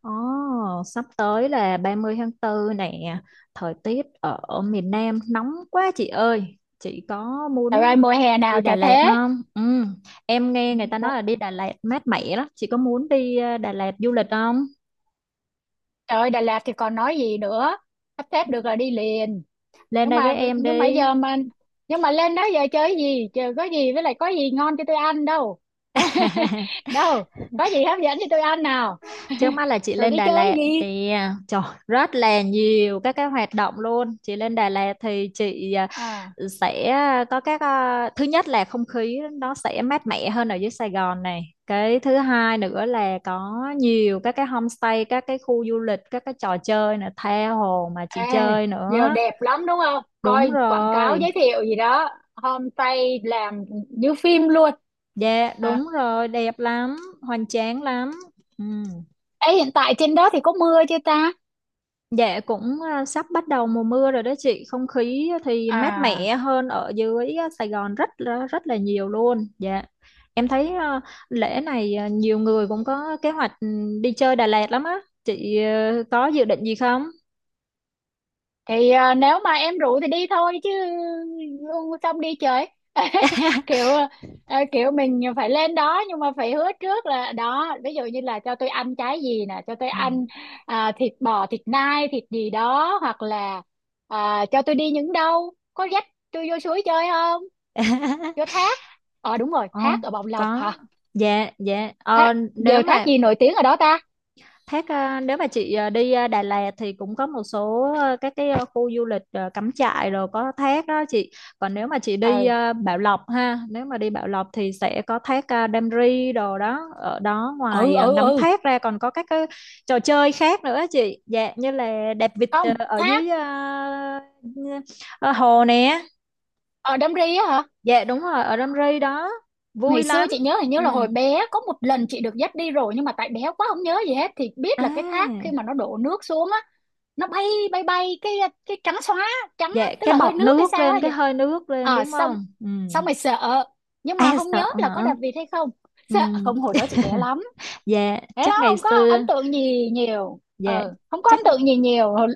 Ồ, sắp tới là 30 tháng 4 nè, thời tiết ở miền Nam nóng quá chị ơi. Chị có Trời muốn ơi, mùa hè đi nào Đà chả Lạt thế. không? Ừ, em nghe người ta nói Mộ- là đi Đà Lạt mát mẻ lắm. Chị có muốn đi Đà Lạt du lịch không? Trời ơi, Đà Lạt thì còn nói gì nữa. Sắp xếp được là đi liền. Lên Nhưng đây với mà em nhưng mà đi. giờ mà Nhưng mà lên đó giờ chơi gì? Chờ có gì, với lại có gì ngon cho tôi ăn đâu? Đâu, có gì hấp dẫn cho tôi ăn nào? Trước mắt là chị Rồi lên đi Đà chơi Lạt gì? thì trời rất là nhiều các cái hoạt động luôn. Chị lên Đà Lạt thì chị À, sẽ có các thứ nhất là không khí nó sẽ mát mẻ hơn ở dưới Sài Gòn này. Cái thứ hai nữa là có nhiều các cái homestay, các cái khu du lịch, các cái trò chơi nữa, tha hồ mà ê, chị chơi giờ nữa. đẹp lắm đúng không? Đúng Coi quảng cáo rồi. giới thiệu gì đó? Homestay làm như phim luôn. Dạ, à, đúng rồi, đẹp lắm, hoành tráng lắm. Ừ. Ê, hiện tại trên đó thì có mưa chưa ta? Dạ cũng sắp bắt đầu mùa mưa rồi đó chị, không khí thì mát À mẻ hơn ở dưới Sài Gòn rất là nhiều luôn. Dạ. Em thấy lễ này nhiều người cũng có kế hoạch đi chơi Đà Lạt lắm á. Chị có dự định gì không? thì nếu mà em rủ thì đi thôi chứ, xong đi chơi kiểu kiểu mình phải lên đó, nhưng mà phải hứa trước là đó, ví dụ như là cho tôi ăn trái gì nè, cho tôi Ừ. ăn thịt bò, thịt nai, thịt gì đó, hoặc là cho tôi đi những đâu, có dắt tôi vô suối chơi không? Vô thác, ờ đúng rồi, Ồ, thác ở Bồng Lộc có. hả? Dạ, dạ. Thác, Ờ, nếu giờ thác mà gì nổi tiếng ở đó ta? Thác nếu mà chị đi Đà Lạt thì cũng có một số các cái khu du lịch cắm trại rồi có thác đó chị. Còn nếu mà chị đi Ừ, Bảo Lộc ha, nếu mà đi Bảo Lộc thì sẽ có thác Đam Ri đồ đó. Ở đó ừ, ngoài ừ. ngắm Ừ, thác ra còn có các cái trò chơi khác nữa chị. Dạ như là đạp vịt không, ở thác dưới hồ nè. ở Đam Ri á hả? Dạ đúng rồi ở Đam Ri đó. Ngày Vui xưa chị lắm. nhớ hình như là Ừ. hồi bé có một lần chị được dắt đi rồi, nhưng mà tại bé quá không nhớ gì hết, thì biết là cái thác khi À, mà nó đổ nước xuống á, nó bay bay bay, cái trắng xóa, trắng á, dạ tức cái là hơi bọt nước hay nước sao lên hay gì. cái hơi nước lên À đúng xong không? Ừ. Xong rồi sợ, nhưng mà À, không sợ nhớ là có hả? đạp vịt hay không Ừ. sợ không, hồi đó chị bé lắm, Dạ, bé chắc lắm, ngày không có ấn xưa. tượng gì nhiều, Dạ, ừ, không có ấn chắc tượng gì nhiều.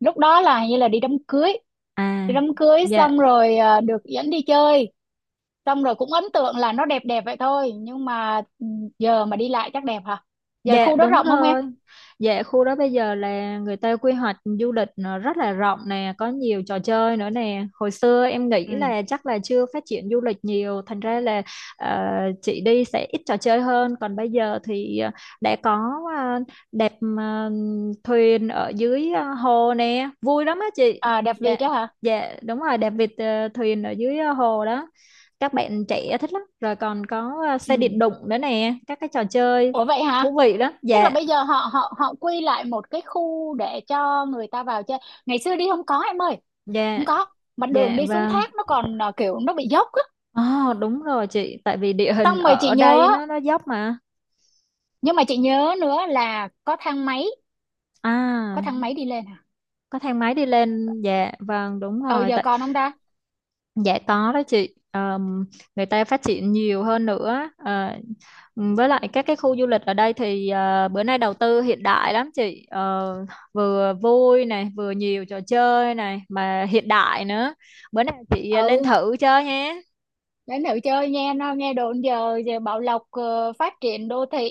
Lúc đó là hình như là đi đám cưới, à đi đám cưới dạ xong rồi được dẫn đi chơi, xong rồi cũng ấn tượng là nó đẹp đẹp vậy thôi, nhưng mà giờ mà đi lại chắc đẹp hả? Giờ Dạ khu đó đúng rộng không em? rồi. Dạ khu đó bây giờ là người ta quy hoạch du lịch nó rất là rộng nè, có nhiều trò chơi nữa nè. Hồi xưa em nghĩ Ừ, là chắc là chưa phát triển du lịch nhiều, thành ra là ờ, chị đi sẽ ít trò chơi hơn. Còn bây giờ thì đã có ờ, đạp ờ, thuyền ở dưới hồ nè, vui lắm á chị. Đẹp Dạ, vịt đó hả? dạ đúng rồi, đạp vịt thuyền ở dưới hồ đó. Các bạn trẻ thích lắm. Rồi còn có xe điện Ừ. đụng nữa nè, các cái trò chơi Ủa vậy hả? thú vị lắm. Tức là Dạ, bây giờ họ họ họ quy lại một cái khu để cho người ta vào chơi, ngày xưa đi không có em ơi, dạ, không có. Mà đường dạ. đi xuống vâng thác nó còn kiểu nó bị dốc á, Ồ, đúng rồi chị, tại vì địa hình xong rồi chị ở đây nhớ, nó dốc mà. nhưng mà chị nhớ nữa là có thang máy, có À, thang máy đi lên hả? có thang máy đi lên. Dạ vâng đúng Ừ rồi giờ tại còn không ta? dạ có đó chị. Người ta phát triển nhiều hơn nữa. Ờ, với lại các cái khu du lịch ở đây thì bữa nay đầu tư hiện đại lắm chị. Ờ, Vừa vui này vừa nhiều trò chơi này mà hiện đại nữa, bữa nào chị lên Ừ. thử chơi nhé. Đấy nữ chơi nghe, nó nghe đồn giờ giờ Bảo Lộc phát triển đô thị,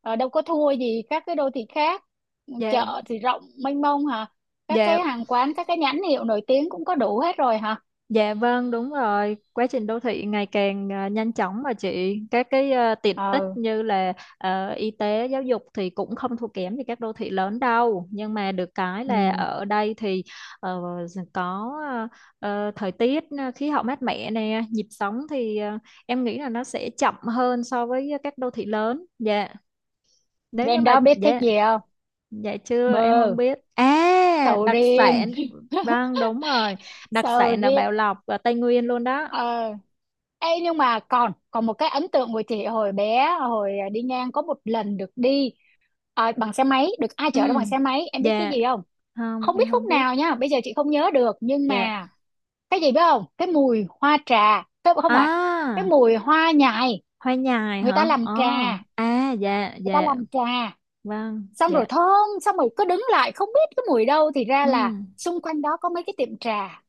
đâu có thua gì các cái đô thị khác, Dạ, chợ thì rộng mênh mông hả? Các dạ. cái hàng quán, các cái nhãn hiệu nổi tiếng cũng có đủ hết rồi hả? Dạ vâng, đúng rồi. Quá trình đô thị ngày càng nhanh chóng mà chị. Các cái tiện ích Ờ. như là y tế, giáo dục thì cũng không thua kém gì các đô thị lớn đâu. Nhưng mà được cái là Ừ. ở đây thì ờ, có thời tiết khí hậu mát mẻ nè, nhịp sống thì em nghĩ là nó sẽ chậm hơn so với các đô thị lớn. Dạ. Nếu như Lên mà đó biết thích dạ gì không? dạ chưa, em không Bơ, biết. À, sầu đặc riêng, sản. Vâng, đúng rồi. Đặc sầu sản là riêng. Bảo Lộc ở Tây Nguyên luôn đó. Ờ. Ê, nhưng mà còn còn một cái ấn tượng của chị hồi bé, hồi đi ngang có một lần được đi bằng xe máy, được ai Ừ, chở đó bằng xe máy, em biết cái dạ, gì không? không, Không biết em khúc không biết. nào nha, bây giờ chị không nhớ được, nhưng Dạ. mà cái gì biết không? Cái mùi hoa trà, cái không phải, cái À, mùi hoa nhài, hoa nhài người ta hả? làm Ờ, trà, à, dạ, người ta dạ, làm trà vâng, xong rồi dạ. thơm, xong rồi cứ đứng lại không biết cái mùi đâu, thì ra Ừ, là xung quanh đó có mấy cái tiệm trà.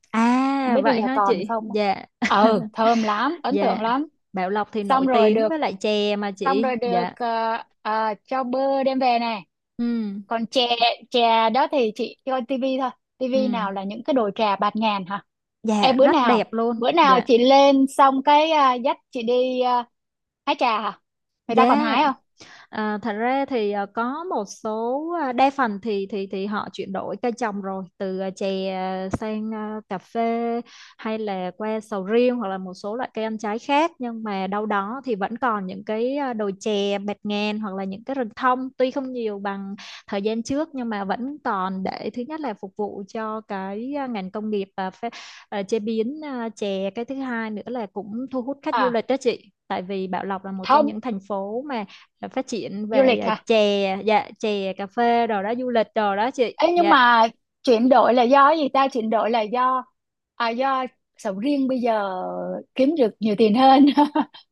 Không à, biết bây vậy giờ hả còn chị? không á. Dạ, Ừ thơm lắm, ấn dạ. tượng lắm. Bảo Lộc thì nổi Xong rồi tiếng được, với lại chè mà xong rồi chị. được Dạ, cho bơ đem về nè. ừ, Còn chè, chè đó thì chị coi tivi thôi, tivi ừ, nào là những cái đồ trà bạt ngàn hả? dạ, Em bữa rất đẹp nào, luôn. bữa nào Dạ, chị lên xong cái dắt chị đi hái trà hả? Người ta còn dạ. hái không? À, thật ra thì có một số đa phần thì họ chuyển đổi cây trồng rồi từ chè sang cà phê hay là qua sầu riêng hoặc là một số loại cây ăn trái khác, nhưng mà đâu đó thì vẫn còn những cái đồi chè bạt ngàn hoặc là những cái rừng thông tuy không nhiều bằng thời gian trước nhưng mà vẫn còn để thứ nhất là phục vụ cho cái ngành công nghiệp chế biến chè, cái thứ hai nữa là cũng thu hút khách du À lịch đó chị, tại vì Bảo Lộc là một trong không, những thành phố mà là phát triển du về lịch hả? chè, dạ chè cà phê đồ đó, du lịch đồ đó chị. Ê, nhưng Dạ mà chuyển đổi là do cái gì ta? Chuyển đổi là do à, do sầu riêng bây giờ kiếm được nhiều tiền hơn,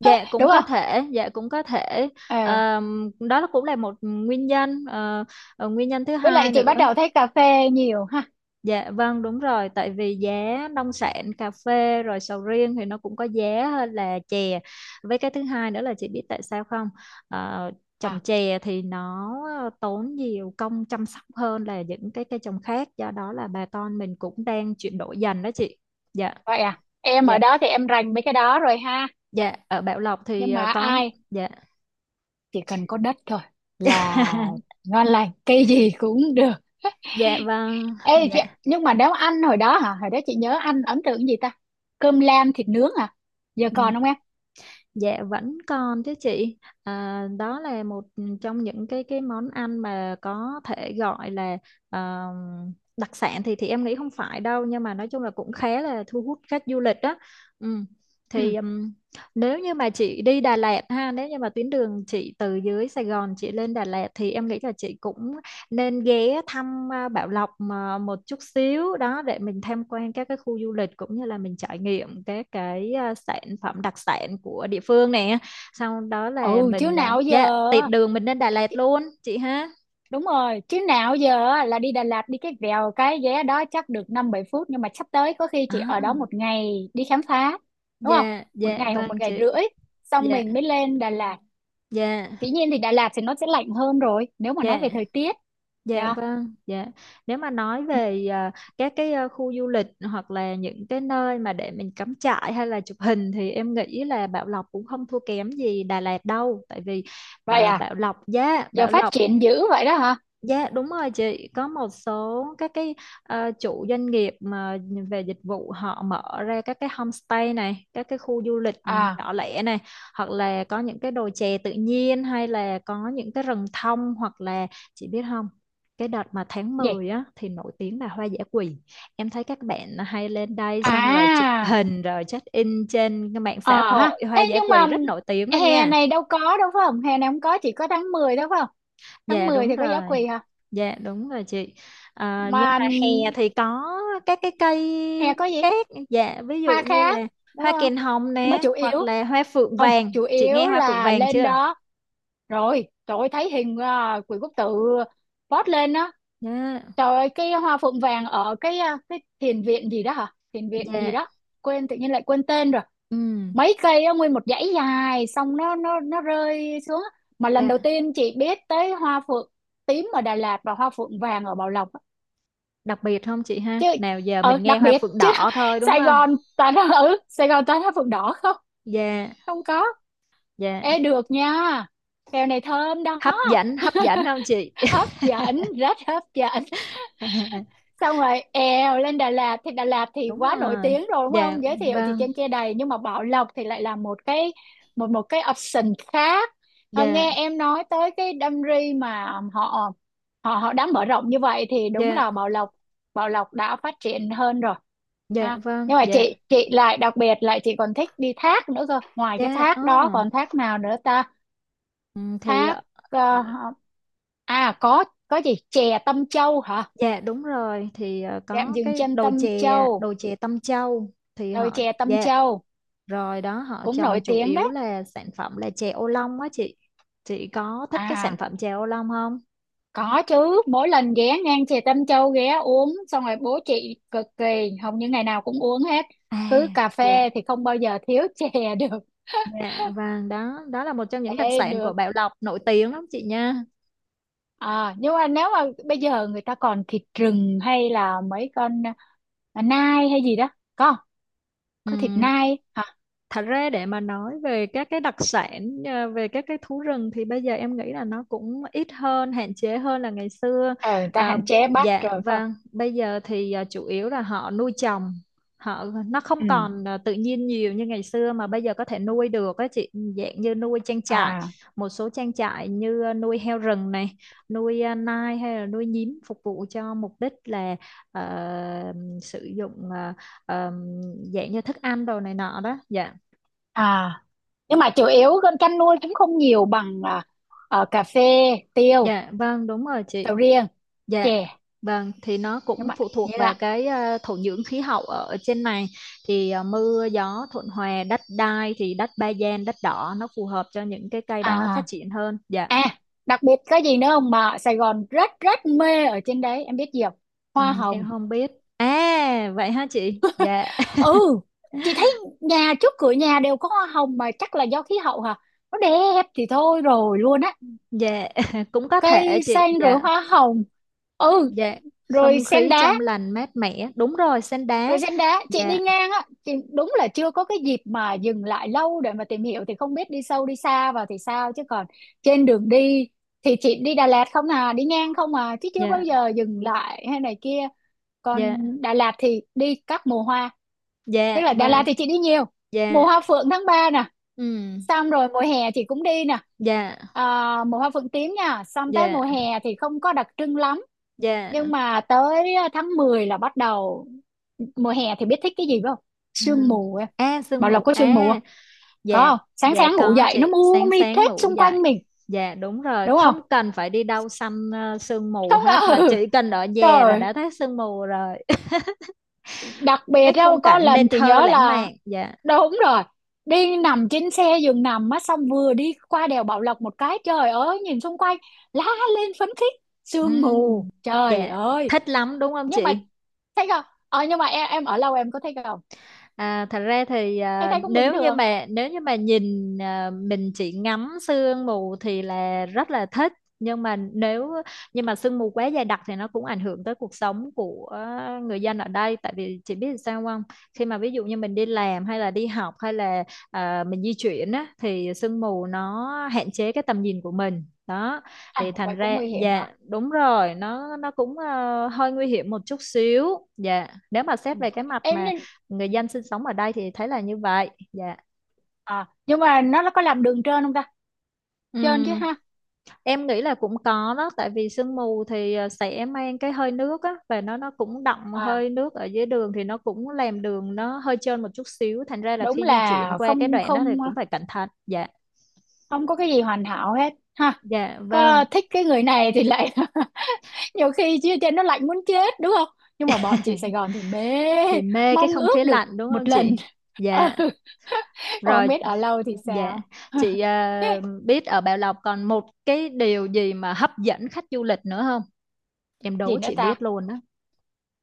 dạ cũng đúng có không? thể, dạ cũng có thể. Ờ. Đó cũng là một nguyên nhân. Ờ, Nguyên nhân thứ Với lại hai chị bắt nữa, đầu thấy cà phê nhiều ha? dạ vâng đúng rồi, tại vì giá nông sản cà phê rồi sầu riêng thì nó cũng có giá hơn là chè, với cái thứ hai nữa là chị biết tại sao không. Ờ, Trồng À chè thì nó tốn nhiều công chăm sóc hơn là những cái cây trồng khác, do đó là bà con mình cũng đang chuyển đổi dần đó chị. Dạ. vậy à, em ở Dạ, đó thì em rành mấy cái đó rồi ha? dạ, ở Bảo Lộc thì, Nhưng mà có ai dạ. chỉ cần có đất thôi là ngon lành, cây gì cũng được. Dạ vâng, Ê chị, dạ, nhưng mà nếu ăn hồi đó hả, hồi đó chị nhớ ăn ấn tượng cái gì ta? Cơm lam thịt nướng à? Giờ ừm, còn không em? dạ vẫn còn chứ chị. À, đó là một trong những cái món ăn mà có thể gọi là ờ, đặc sản, thì em nghĩ không phải đâu nhưng mà nói chung là cũng khá là thu hút khách du lịch đó. Ừm, Ừ. Thì nếu như mà chị đi Đà Lạt ha, nếu như mà tuyến đường chị từ dưới Sài Gòn chị lên Đà Lạt thì em nghĩ là chị cũng nên ghé thăm Bảo Lộc mà một chút xíu đó, để mình tham quan các cái khu du lịch cũng như là mình trải nghiệm các cái sản phẩm đặc sản của địa phương nè, sau đó là Ừ chứ mình nào giờ, dạ tiện đường mình lên Đà Lạt luôn chị ha. đúng rồi chứ nào giờ á, là đi Đà Lạt đi cái vèo cái vé đó chắc được 5 7 phút, nhưng mà sắp tới có khi chị ở đó À. một ngày đi khám phá, đúng không? Dạ Một dạ ngày hoặc vâng một ngày chị. rưỡi, xong Dạ mình mới lên Đà Lạt. dạ Dĩ nhiên thì Đà Lạt thì nó sẽ lạnh hơn rồi nếu mà nói về dạ. thời tiết Dạ nha. vâng, dạ. Nếu mà nói về các cái khu du lịch hoặc là những cái nơi mà để mình cắm trại hay là chụp hình thì em nghĩ là Bảo Lộc cũng không thua kém gì Đà Lạt đâu, tại vì Vậy à, giờ Bảo phát Lộc. triển dữ vậy đó hả? Dạ đúng rồi chị, có một số các cái chủ doanh nghiệp mà về dịch vụ họ mở ra các cái homestay này, các cái khu du lịch À. nhỏ lẻ này, hoặc là có những cái đồi chè tự nhiên hay là có những cái rừng thông hoặc là, chị biết không? Cái đợt mà tháng Gì? 10 á thì nổi tiếng là hoa dã quỳ. Em thấy các bạn hay lên đây xong rồi chụp À hình rồi check in trên cái mạng xã ờ ha. hội, hoa Ê, dã nhưng quỳ mà rất nổi tiếng luôn hè nha. này đâu có, đâu phải không, hè này không có, chỉ có tháng 10, đâu phải không? tháng Dạ mười đúng thì có giáo rồi. quỳ hả? Dạ đúng rồi chị. À, nhưng Mà mà hè thì có các cái cây hè có gì khác. Dạ ví dụ hoa như là khác, đúng hoa không? kèn hồng Nhưng mà nè chủ yếu hoặc là hoa phượng không, vàng. chủ Chị nghe yếu hoa phượng là vàng lên chưa? đó rồi trời ơi thấy hình, Quỷ Quốc Tự post lên á, Dạ. trời ơi cái hoa phượng vàng ở cái cái thiền viện gì đó hả, thiền viện gì Dạ. đó quên, tự nhiên lại quên tên rồi, Ừ. mấy cây á, nguyên một dãy dài xong nó rơi xuống á. Mà lần đầu Dạ. tiên chị biết tới hoa phượng tím ở Đà Lạt và hoa phượng vàng ở Bảo Lộc á. Đặc biệt không chị ha? Chứ Nào giờ ờ mình nghe đặc hoa biệt phượng chứ. đỏ thôi đúng Sài không? Gòn toàn là, ừ Sài Gòn toàn là phượng đỏ không, Dạ. không có. Dạ. Ê được nha, kèo này thơm đó, Hấp dẫn không chị? hấp dẫn, rất hấp dẫn. Xong rồi èo lên Đà Lạt thì Đúng quá nổi rồi. tiếng rồi đúng Dạ không, giới thiệu thì vâng. trên kia đầy, nhưng mà Bảo Lộc thì lại là một cái, một một cái option khác. Ờ, Dạ. nghe em nói tới cái Đam Ri mà họ họ họ đã mở rộng như vậy thì đúng Dạ. là Bảo Lộc, Bảo Lộc đã phát triển hơn rồi Dạ ha. vâng. Nhưng mà Dạ. chị lại đặc biệt, lại chị còn thích đi thác nữa cơ, ngoài cái Dạ. thác đó Ờ. còn thác nào nữa ta? Ừ, thì ờ, Thác ờ, có gì chè Tâm Châu hả? dạ đúng rồi, thì Trạm có dừng cái chân đồi Tâm chè Châu, đồi chè Tâm Châu thì đồi họ chè Tâm dạ Châu rồi đó, họ cũng nổi trồng chủ tiếng yếu đấy. là sản phẩm là chè ô long á chị có thích cái sản À phẩm chè ô long không? có chứ, mỗi lần ghé ngang chè Tâm Châu ghé uống xong rồi bố chị cực kỳ, hầu như ngày nào cũng uống hết, à cứ cà dạ, phê thì không bao giờ thiếu chè được. dạ, vâng, đó đó là một trong những đặc Ê, sản của được Bảo Lộc nổi tiếng lắm chị nha. Nhưng mà nếu mà bây giờ người ta còn thịt rừng hay là mấy con nai hay gì đó, có không? Có thịt Ừ, nai hả? thật ra để mà nói về các cái đặc sản về các cái thú rừng thì bây giờ em nghĩ là nó cũng ít hơn, hạn chế hơn là ngày xưa. Ờ người ta à, hạn chế bắt dạ rồi phải không? vâng bây giờ thì chủ yếu là họ nuôi trồng, họ nó không Ừ. còn tự nhiên nhiều như ngày xưa mà bây giờ có thể nuôi được á chị, dạng như nuôi trang trại. À. Một số trang trại như nuôi heo rừng này, nuôi nai hay là nuôi nhím, phục vụ cho mục đích là ờ, sử dụng ờ, dạng như thức ăn đồ này nọ đó dạ. À nhưng mà chủ yếu con canh nuôi cũng không nhiều bằng cà phê, tiêu, Dạ vâng đúng rồi chị. sầu riêng, Dạ chè. vâng, thì nó Nhưng cũng mà phụ thuộc vậy vào là, cái thổ nhưỡng khí hậu ở ở trên này, thì mưa gió thuận hòa, đất đai thì đất ba gian đất đỏ nó phù hợp cho những cái cây đó phát à triển hơn. Dạ. à đặc biệt có gì nữa không mà ở Sài Gòn rất rất mê ở trên đấy em biết gì không? Hoa hồng. Em không biết. À vậy ha chị. Dạ Ừ chị thấy nhà, trước cửa nhà đều có hoa hồng, mà chắc là do khí hậu hả, nó đẹp thì thôi rồi luôn á. dạ cũng có thể Cây chị. xanh rồi Dạ hoa hồng. Ừ. dạ, Rồi không sen khí đá, trong lành mát mẻ. Đúng rồi, sen rồi đá. trên đá chị đi Dạ, ngang á, chị đúng là chưa có cái dịp mà dừng lại lâu để mà tìm hiểu, thì không biết đi sâu đi xa vào thì sao, chứ còn trên đường đi thì chị đi Đà Lạt không à, đi ngang không à, chứ chưa bao dạ, giờ dừng lại hay này kia. Còn dạ, Đà Lạt thì đi các mùa hoa, tức dạ là Đà Lạt vâng, thì chị đi nhiều. Mùa dạ, hoa phượng tháng 3 nè, ừm, xong rồi mùa hè chị cũng đi nè, dạ, mùa hoa phượng tím nha, xong tới dạ, mùa hè thì không có đặc trưng lắm. Nhưng dạ. mà tới tháng 10 là bắt đầu. Mùa hè thì biết thích cái gì phải không? À, Sương mù em. À, sương Bảo mù Lộc có sương mù à? không? Có Dạ. không, sáng Dạ, sáng ngủ có dậy nó chị, mù sáng mịt sáng hết ngủ xung dậy quanh mình, dạ đúng rồi, đúng không? không cần phải đi đâu săn sương mù Không hết mà ngờ, chỉ cần ở nhà là trời, đã thấy sương mù rồi. đặc biệt. Cái Đâu khung có cảnh nên lần chị thơ nhớ lãng là mạn. Dạ. đúng rồi, đi nằm trên xe giường nằm á, xong vừa đi qua đèo Bảo Lộc một cái trời ơi nhìn xung quanh la lên phấn khích, sương mù Ừm, trời dạ, ơi. thích lắm đúng không Nhưng mà chị? thấy không, ờ nhưng mà em ở lâu em có thấy không? Thật ra thì Thấy, thấy cũng bình nếu như thường. mà nếu như mà nhìn, mình chỉ ngắm sương mù thì là rất là thích. Nhưng mà nếu, nhưng mà sương mù quá dày đặc thì nó cũng ảnh hưởng tới cuộc sống của người dân ở đây. Tại vì chị biết sao không, khi mà ví dụ như mình đi làm hay là đi học hay là mình di chuyển á, thì sương mù nó hạn chế cái tầm nhìn của mình đó. Thì À vậy thành cũng ra nguy hiểm dạ hả? đúng rồi, nó cũng hơi nguy hiểm một chút xíu. Dạ, nếu mà xét Ừ. về cái mặt Em mà nên, người dân sinh sống ở đây thì thấy là như vậy. Dạ. à nhưng mà nó có làm đường trơn không ta? Trơn chứ Ừ, ha? em nghĩ là cũng có đó, tại vì sương mù thì sẽ mang cái hơi nước á, và nó cũng đọng À hơi nước ở dưới đường thì nó cũng làm đường nó hơi trơn một chút xíu, thành ra là đúng khi di là chuyển qua cái không, đoạn đó thì không, cũng phải cẩn thận. Dạ. không có cái gì hoàn hảo hết ha, Dạ vâng, có thích cái người này thì lại nhiều khi chia trên nó lạnh muốn chết đúng không? Nhưng mà bọn chị Sài Gòn thì mê, thì mê cái mong không khí ước được lạnh đúng không một chị? lần. Ừ. Dạ. Còn không Rồi, biết ở lâu thì dạ sao. chị biết ở Bảo Lộc còn một cái điều gì mà hấp dẫn khách du lịch nữa không, em Gì đố nữa chị biết ta? luôn đó.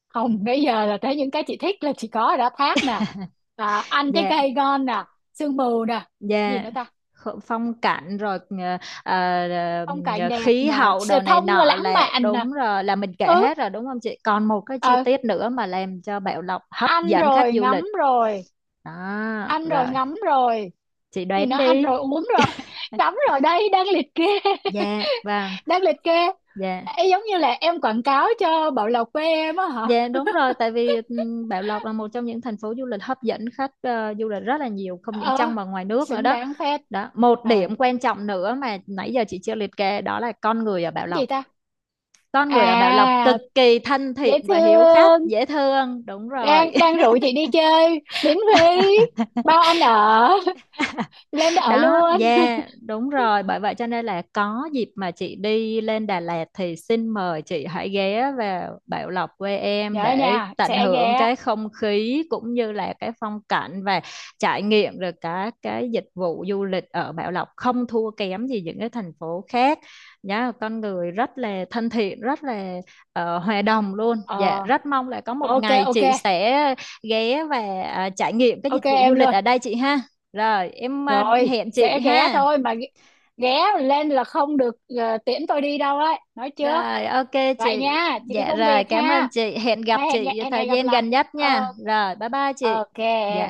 Không, bây giờ là tới những cái chị thích là chị có đã thác nè, ăn trái Dạ. cây ngon nè, sương mù nè, gì Dạ, nữa ta? Phong cảnh rồi, ờ, Phong cảnh đẹp khí nè, hậu sự đồ này thông là nọ lãng là mạn nè. đúng rồi, là mình kể Ừ hết rồi đúng không chị? Còn một cái chi ờ, tiết nữa mà làm cho Bảo Lộc hấp ăn dẫn khách rồi du ngắm lịch. rồi, Đó, ăn rồi, rồi ngắm rồi, chị gì đoán nó ăn đi. rồi uống rồi ngắm rồi đây, đang liệt kê. Dạ, vâng, Đang liệt kê. dạ. Ê, giống như là em quảng cáo cho Bảo Lộc quê em á hả? Dạ đúng rồi, tại vì Bảo Lộc là một trong những thành phố du lịch hấp dẫn khách du lịch rất là nhiều, không những Ờ trong mà ngoài nước nữa xứng đó. đáng phết. Đó, một Ờ cái điểm quan trọng nữa mà nãy giờ chị chưa liệt kê đó là con người ở Bảo Lộc. gì ta? Con người ở Bảo Lộc cực À kỳ thân dễ thiện và hiếu khách, thương, dễ thương. Đúng rồi. đang đang rủ chị đi chơi miễn phí, bao ăn ở, lên đó ở Đó, luôn. yeah, đúng rồi, bởi vậy cho nên là có dịp mà chị đi lên Đà Lạt thì xin mời chị hãy ghé vào Bảo Lộc quê em Nhớ để nha, tận sẽ hưởng ghé. cái không khí cũng như là cái phong cảnh và trải nghiệm được cả cái dịch vụ du lịch ở Bảo Lộc không thua kém gì những cái thành phố khác nhá. Con người rất là thân thiện, rất là hòa đồng luôn. Dạ, Ờ rất mong là có một ok, ngày ok. chị sẽ ghé và trải nghiệm cái dịch Ok vụ du em lịch luôn. ở đây chị ha. Rồi, em Rồi hẹn chị sẽ ghé ha. thôi mà ghé, ghé lên là không được tiễn tôi đi đâu đấy nói trước. Rồi, ok Vậy chị. nha chị đi Dạ công việc rồi, cảm ơn ha. chị. Hẹn gặp Hay chị hẹn thời ngày gặp gian lại. gần nhất nha. Ờ Rồi, bye bye chị. ok em Dạ.